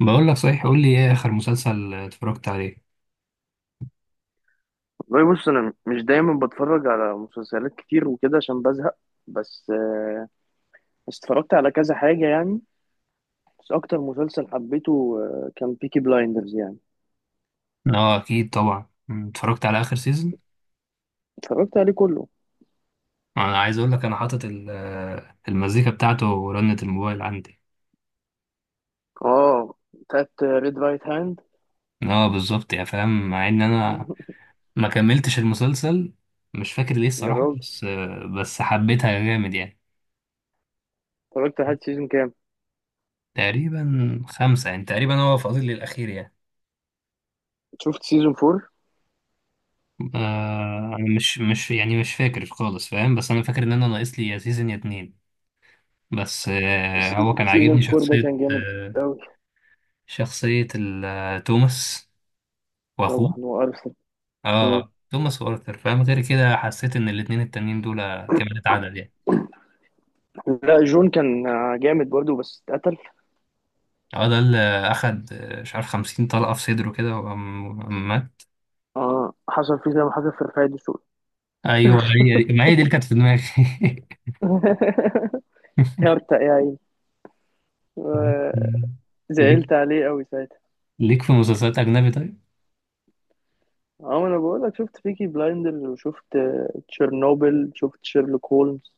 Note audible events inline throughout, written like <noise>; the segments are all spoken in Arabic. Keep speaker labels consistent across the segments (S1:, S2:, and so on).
S1: بقول لك صحيح، قول لي ايه اخر مسلسل اتفرجت عليه؟
S2: والله بص، انا مش دايما بتفرج على مسلسلات كتير وكده عشان بزهق. بس بس اتفرجت على كذا حاجه يعني. بس اكتر مسلسل حبيته كان بيكي بلايندرز يعني.
S1: اه اكيد طبعا، اتفرجت على اخر سيزون.
S2: اتفرجت عليه كله.
S1: انا عايز اقول لك انا حاطط المزيكا بتاعته ورنة الموبايل عندي.
S2: اه، بتاعت ريد رايت هاند.
S1: اه بالظبط يا فاهم، مع ان انا
S2: <laughs>
S1: ما كملتش المسلسل. مش فاكر ليه
S2: يا
S1: الصراحة،
S2: راجل،
S1: بس حبيتها جامد يعني.
S2: اتفرجت لحد سيزون كام؟
S1: تقريبا خمسة يعني، تقريبا هو فاضل لي الأخير يعني.
S2: شفت سيزون فور؟
S1: أنا مش يعني مش فاكر خالص فاهم، بس أنا فاكر إن أنا ناقص لي يا سيزون يا اتنين. بس هو كان
S2: سيزون
S1: عاجبني
S2: فور ده
S1: شخصية
S2: كان جامد
S1: آه،
S2: قوي.
S1: شخصية ال- توماس وأخوه.
S2: طبعا هو ارسنال. مم.
S1: اه توماس وارثر فاهم، غير كده حسيت إن الاتنين التانيين دول كمالة عدد يعني.
S2: لا، جون كان جامد برضه بس اتقتل.
S1: اه ده اللي أخد مش عارف 50 طلقة في صدره كده، وقام مات.
S2: اه، حصل فيه زي ما حصل في رفاعي دسوقي.
S1: أيوه هي دي، ما هي دي اللي كانت في دماغي.
S2: <laughs> هرتق يا عيني،
S1: <laughs> ليك
S2: زعلت عليه قوي ساعتها.
S1: ليك في مسلسلات أجنبي طيب؟
S2: اه، ما انا بقول لك، شفت بيكي بلايندرز، وشفت تشيرنوبل، شفت شيرلوك هولمز،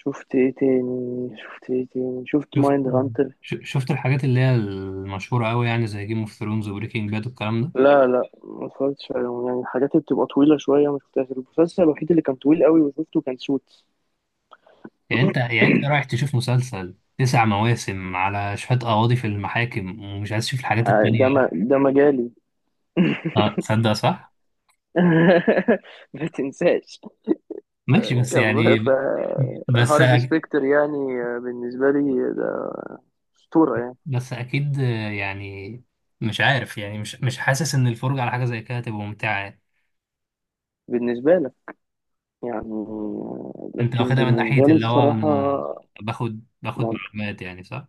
S2: شفت ايه تاني، شفت ايه تاني، شفت
S1: شفت
S2: مايند هانتر.
S1: شفت الحاجات اللي هي المشهورة أوي يعني، زي جيم اوف ثرونز وبريكنج باد والكلام ده؟
S2: لا لا، ما اتفرجتش عليهم يعني الحاجات اللي بتبقى طويلة شوية ما شفتهاش. المسلسل الوحيد اللي كان طويل قوي وشفته كان سوتس.
S1: يعني انت رايح تشوف مسلسل 9 مواسم على شوية قواضي في المحاكم، ومش عايز تشوف الحاجات التانية؟
S2: ده ما ده مجالي.
S1: اه تصدق صح؟
S2: <laughs> ما تنساش،
S1: ماشي بس
S2: كان
S1: يعني. بس
S2: هارفي سبيكتر يعني بالنسبة لي ده أسطورة يعني.
S1: بس اكيد يعني مش عارف يعني مش حاسس ان الفرجة على حاجة زي كده تبقى ممتعة يعني.
S2: بالنسبة لك يعني
S1: انت
S2: لكن
S1: واخدها من ناحية
S2: بالنسبة لي
S1: اللي هو
S2: الصراحة
S1: انا باخد
S2: مو-
S1: معلومات يعني، صح؟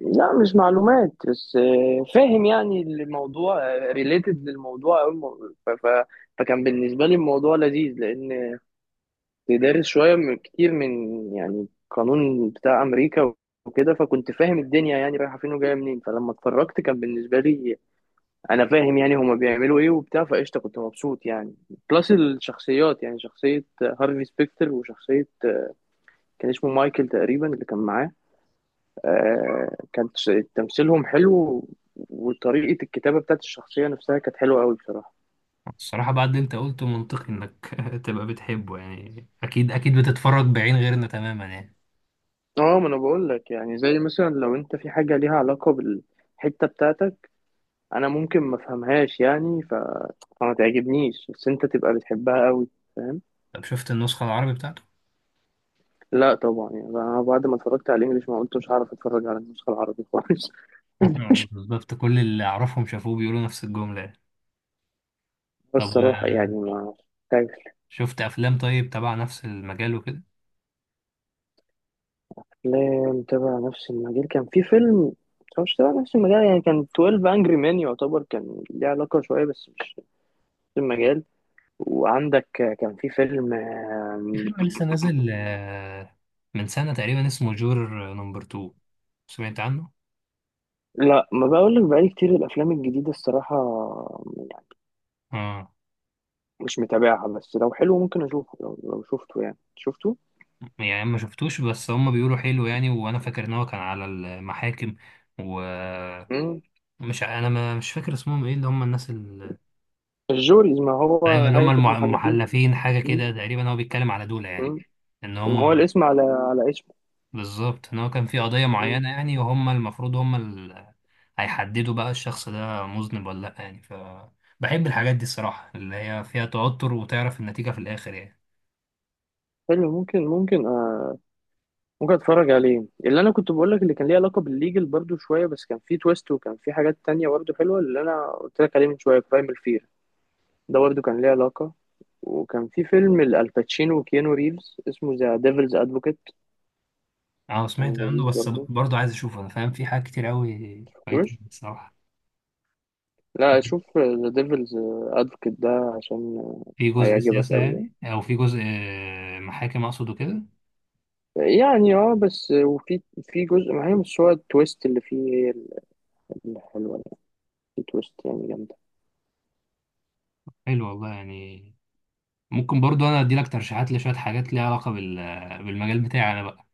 S2: لا مش معلومات، بس فاهم يعني الموضوع ريليتد للموضوع أوي، فكان بالنسبة لي الموضوع لذيذ، لأن دارس شوية من كتير من يعني قانون بتاع أمريكا وكده. فكنت فاهم الدنيا يعني رايحة فين وجاية منين. فلما اتفرجت كان بالنسبة لي أنا فاهم يعني هما بيعملوا إيه وبتاع، فقشطة كنت مبسوط يعني. بلس الشخصيات، يعني شخصية هارفي سبيكتر وشخصية كان اسمه مايكل تقريبا اللي كان معاه. كان تمثيلهم حلو، وطريقة الكتابة بتاعت الشخصية نفسها كانت حلوة أوي بصراحة.
S1: الصراحة بعد اللي انت قلته منطقي انك <laughs> تبقى بتحبه يعني، اكيد اكيد بتتفرج بعين غيرنا تماما يعني.
S2: اه، ما انا بقول لك يعني، زي مثلا لو انت في حاجة ليها علاقة بالحتة بتاعتك، انا ممكن ما افهمهاش يعني فما تعجبنيش، بس انت تبقى بتحبها قوي. فاهم.
S1: طب شفت النسخة العربي بتاعته؟
S2: لا طبعا يعني انا بعد ما اتفرجت على الانجليش، ما قلت مش هعرف اتفرج على النسخة العربي خالص. <laughs>
S1: <laughs> بالظبط، كل اللي أعرفهم شافوه بيقولوا نفس الجملة.
S2: بس
S1: طب،
S2: الصراحة يعني ما.
S1: شفت أفلام طيب تبع نفس المجال وكده؟
S2: لا، متابع نفس المجال كان في فيلم، بس هو مش تبع نفس المجال يعني. كان 12 انجري مان يعتبر كان ليه علاقة شوية بس مش نفس المجال. وعندك كان في فيلم
S1: في فيلم لسه نازل من سنة تقريبا اسمه جور نمبر 2، سمعت عنه؟
S2: لا، ما بقول لك بقالي كتير الافلام الجديدة الصراحة يعني
S1: اه
S2: مش متابعها. بس لو حلو ممكن اشوفه، لو شفته يعني شفته.
S1: يعني ما شفتوش، بس هم بيقولوا حلو يعني، وانا فاكر ان هو كان على المحاكم ومش...
S2: مم.
S1: انا ما مش فاكر اسمهم ايه، اللي هم الناس ال...
S2: الجوريز ما
S1: ايوه
S2: هو.
S1: اللي هم
S2: هيئة المحلفين.
S1: المحلفين حاجه
S2: مم.
S1: كده تقريبا، هو بيتكلم على دول يعني.
S2: مم.
S1: ان
S2: ما
S1: هم،
S2: هو الاسم على على اسمه.
S1: بالظبط ان هو كان في قضية
S2: مم.
S1: معينة يعني، وهم المفروض اللي هيحددوا بقى الشخص ده مذنب ولا لا يعني ف... بحب الحاجات دي الصراحة، اللي هي فيها توتر وتعرف النتيجة في الآخر يعني.
S2: حلو، ممكن اتفرج عليه. اللي انا كنت بقول لك اللي كان ليه علاقه بالليجل برضو شويه، بس كان فيه تويست وكان فيه حاجات تانية برضو حلوه. اللي انا قلت لك عليه من شويه برايمال فير ده برضو كان ليه علاقه. وكان في فيلم الباتشينو وكيانو ريفز اسمه ذا ديفلز ادفوكيت.
S1: اه
S2: كان
S1: سمعت عنه
S2: لذيذ
S1: بس
S2: برضو.
S1: برضه عايز اشوفه، انا فاهم في حاجات كتير قوي فايتة
S2: مش،
S1: الصراحة.
S2: لا، شوف ذا ديفلز ادفوكيت ده عشان
S1: في جزء
S2: هيعجبك
S1: سياسة
S2: قوي
S1: يعني، او في جزء محاكم اقصد وكده؟
S2: يعني. يعني اه، بس وفي في جزء، ما هي مش هو التويست اللي فيه هي الحلوه يعني. في تويست يعني جامده.
S1: حلو والله يعني. ممكن برضه انا ادي لك ترشيحات لشوية حاجات ليها علاقة بال... بالمجال بتاعي انا بقى،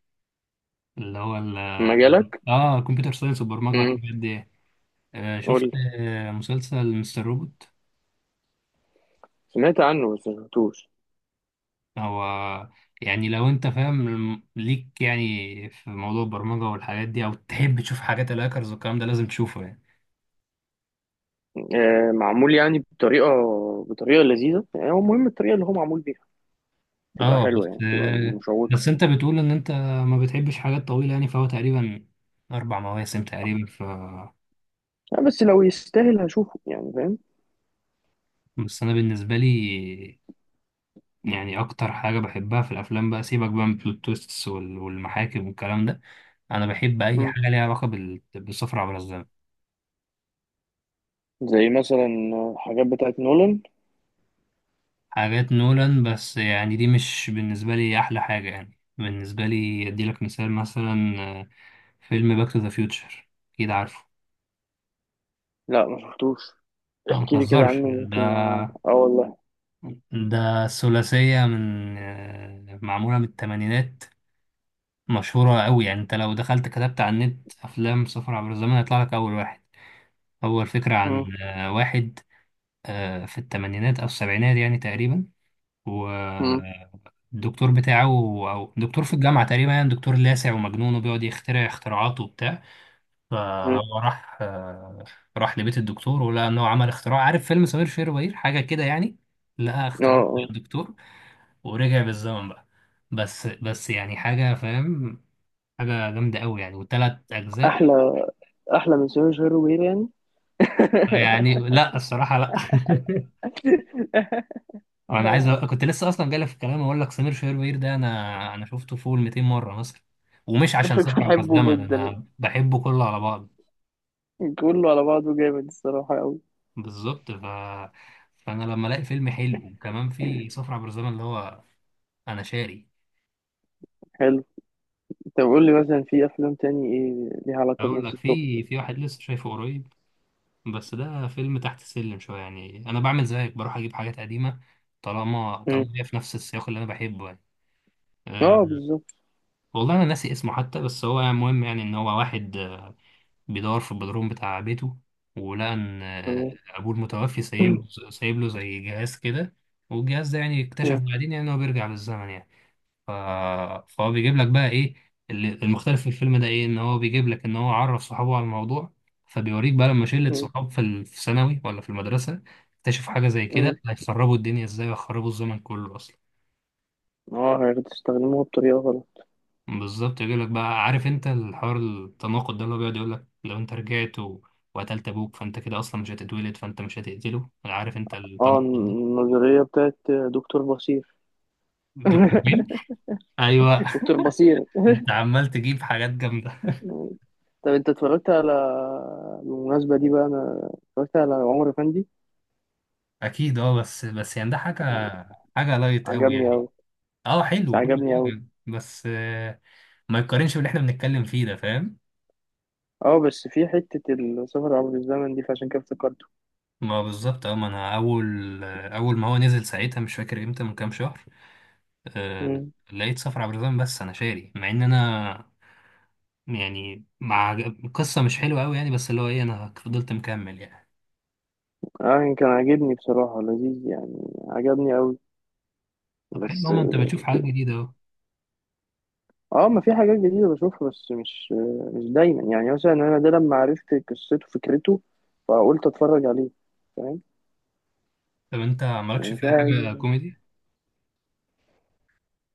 S1: اللي هو ال...
S2: مجالك.
S1: اه كمبيوتر ساينس والبرمجة
S2: امم.
S1: والحاجات دي. شفت
S2: قول.
S1: مسلسل مستر روبوت؟
S2: سمعت عنه بس ما شفتوش.
S1: هو يعني لو انت فاهم ليك يعني في موضوع البرمجة والحاجات دي، او تحب تشوف حاجات الهاكرز والكلام ده لازم تشوفه يعني.
S2: معمول يعني بطريقة، بطريقة لذيذة يعني. هو مهم الطريقة اللي هو معمول بيها تبقى
S1: اه
S2: حلوة
S1: بس
S2: يعني، تبقى
S1: آه،
S2: مشوقة.
S1: بس انت بتقول ان انت ما بتحبش حاجات طويلة يعني، فهو تقريبا 4 مواسم تقريبا ف...
S2: بس لو يستاهل هشوفه يعني. فاهم.
S1: بس انا بالنسبة لي يعني اكتر حاجة بحبها في الافلام بقى، سيبك بقى من بلوت تويستس والمحاكم والكلام ده. انا بحب اي
S2: مم.
S1: حاجة ليها علاقة بالسفر عبر الزمن.
S2: زي مثلا حاجات بتاعت نولان.
S1: حاجات نولان بس يعني دي مش بالنسبة لي أحلى حاجة يعني. بالنسبة لي أديلك مثال مثلا، فيلم باك تو ذا فيوتشر، أكيد عارفه.
S2: لا، ما شفتوش.
S1: لا
S2: احكي لي كده
S1: متهزرش
S2: عنه، ممكن اه
S1: ده.
S2: والله.
S1: ده ثلاثية من معمولة من التمانينات، مشهورة أوي يعني. أنت لو دخلت كتبت على النت أفلام سفر عبر الزمن هيطلع لك أول واحد. هو الفكرة عن
S2: مم.
S1: واحد في التمانينات أو السبعينات يعني تقريبا.
S2: مم.
S1: والدكتور بتاعه او دكتور في الجامعه تقريبا يعني، دكتور لاسع ومجنون وبيقعد يخترع اختراعات وبتاع.
S2: مم.
S1: فهو راح لبيت الدكتور ولقى ان هو عمل اختراع، عارف فيلم سمير وشهير وبهير حاجه كده يعني. لقى
S2: اه.
S1: اختراع
S2: آه.
S1: الدكتور ورجع بالزمن بقى. بس يعني حاجه فاهم، حاجه جامده قوي يعني، وثلاث اجزاء.
S2: احلى، احلى من سيرج هيروين يعني. <laughs>
S1: يعني لا الصراحه لا. <laughs>
S2: <laughs>
S1: انا عايز
S2: أيوة.
S1: أ... كنت لسه اصلا جاي في الكلام اقول لك سمير شهير ده انا... انا شفته فوق ال 200 مره مثلا، ومش عشان سفر عبر
S2: بحبه
S1: الزمن
S2: جدا
S1: انا بحبه كله على بعض.
S2: يعني، كله على بعضه جامد الصراحة أوي.
S1: بالظبط ف... فانا لما الاقي فيلم حلو وكمان في سفر عبر الزمن اللي هو، انا شاري.
S2: حلو. طب قول لي مثلا في افلام تاني ايه ليها علاقه
S1: اقول لك،
S2: بنفس التوبيك
S1: في
S2: ده.
S1: في واحد لسه شايفه قريب، بس ده فيلم تحت السلم شويه يعني، انا بعمل زيك بروح اجيب حاجات قديمه. طالما
S2: مم.
S1: طالما هي في نفس السياق اللي انا بحبه يعني. أه.
S2: اه، بالظبط.
S1: والله انا ناسي اسمه حتى، بس هو مهم يعني، ان هو واحد بيدور في البدروم بتاع بيته. ولقى إن
S2: مم.
S1: أبوه المتوفي سايب له زي جهاز كده. والجهاز ده يعني اكتشف
S2: مم.
S1: بعدين يعني إن هو بيرجع بالزمن يعني. ف... فهو بيجيب لك بقى إيه المختلف في الفيلم ده إيه، إن هو بيجيب لك إن هو عرف صحابه على الموضوع. فبيوريك بقى لما شلة
S2: مم.
S1: صحاب في ثانوي ولا في المدرسة، اكتشفوا حاجة زي
S2: مم.
S1: كده هيخربوا الدنيا إزاي، ويخربوا الزمن كله أصلا.
S2: اه، هتستخدموها بطريقه غلط.
S1: بالظبط، يجي لك بقى عارف انت الحوار التناقض ده، اللي هو بيقعد يقول لك لو انت رجعت و... وقتلت ابوك فانت كده اصلا مش هتتولد، فانت مش هتقتله، عارف انت
S2: اه،
S1: التناقض ده.
S2: النظريه بتاعت دكتور بصير.
S1: دكتور مين؟
S2: <laughs>
S1: ايوه.
S2: دكتور بصير.
S1: <laughs> انت عمال تجيب حاجات جامده.
S2: طب انت اتفرجت على، بالمناسبه دي بقى انا اتفرجت على عمر فندي.
S1: اكيد اه، بس يعني ده حاجه لايت قوي
S2: عجبني
S1: يعني.
S2: قوي.
S1: اه
S2: بس
S1: حلو وكل
S2: عجبني قوي.
S1: حاجه، بس ما يتقارنش باللي احنا بنتكلم فيه ده، فاهم.
S2: اه، بس في حته السفر عبر الزمن دي فعشان كده افتكرته.
S1: ما بالظبط اه، ما انا اول ما هو نزل ساعتها مش فاكر امتى، من كام شهر. آه،
S2: مم.
S1: لقيت صفر عبد الرحمن، بس انا شاري، مع ان انا يعني مع القصة مش حلوة قوي يعني، بس اللي هو ايه انا فضلت مكمل يعني.
S2: اه، كان عاجبني بصراحه، لذيذ يعني، عجبني قوي.
S1: طب حلو
S2: بس.
S1: ماما، انت بتشوف حاجات جديدة اهو.
S2: اه، ما في حاجات جديدة بشوفها، بس مش دايما يعني. مثلا انا ده لما عرفت قصته فكرته، فقلت اتفرج عليه. فاهم.
S1: طب انت مالكش
S2: يعني
S1: في
S2: في
S1: اي حاجة
S2: حاجة.
S1: كوميدي؟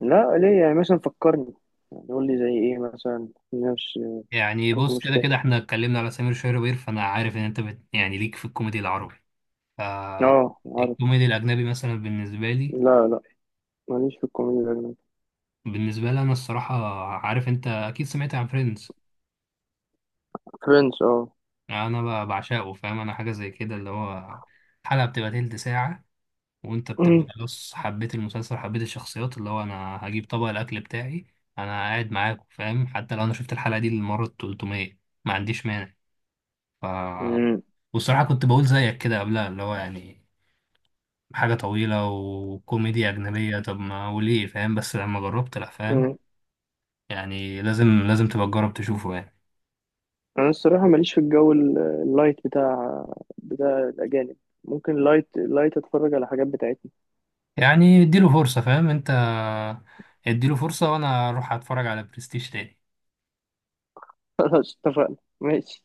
S2: لا، ليه؟ يعني مثلا فكرني، يعني قول لي زي ايه مثلا نفس.
S1: يعني
S2: كنت
S1: بص،
S2: مش
S1: كده
S2: فاهم.
S1: كده احنا اتكلمنا على سمير شهربير، فانا عارف ان انت بت... يعني ليك في الكوميدي العربي،
S2: اه عارف.
S1: فالكوميدي الاجنبي مثلا بالنسبة لي...
S2: لا لا، ماليش في الكوميديا الأجنبية.
S1: بالنسبة لي انا الصراحة، عارف انت اكيد سمعت عن فريندز.
S2: فريندز اه.
S1: انا بعشقه فاهم، انا حاجة زي كده اللي هو حلقة بتبقى تلت ساعة، وانت بتبقى
S2: <clears throat>
S1: خلاص حبيت المسلسل حبيت الشخصيات، اللي هو انا هجيب طبق الاكل بتاعي انا قاعد معاكم فاهم، حتى لو انا شفت الحلقه دي للمره ال 300 ما عنديش مانع ف...
S2: مم.
S1: والصراحه كنت بقول زيك كده قبلها، اللي هو يعني حاجه طويله وكوميديا اجنبيه، طب ما وليه فاهم، بس لما جربت لا فاهم.
S2: مم.
S1: يعني لازم، لازم تبقى تجرب تشوفه يعني.
S2: انا الصراحة ماليش في الجو اللايت بتاع الاجانب. ممكن لايت لايت اتفرج على حاجات بتاعتنا.
S1: يعني اديله فرصه فاهم انت، اديله فرصه، وانا اروح اتفرج على برستيج تاني.
S2: <laughs> خلاص اتفقنا. ماشي.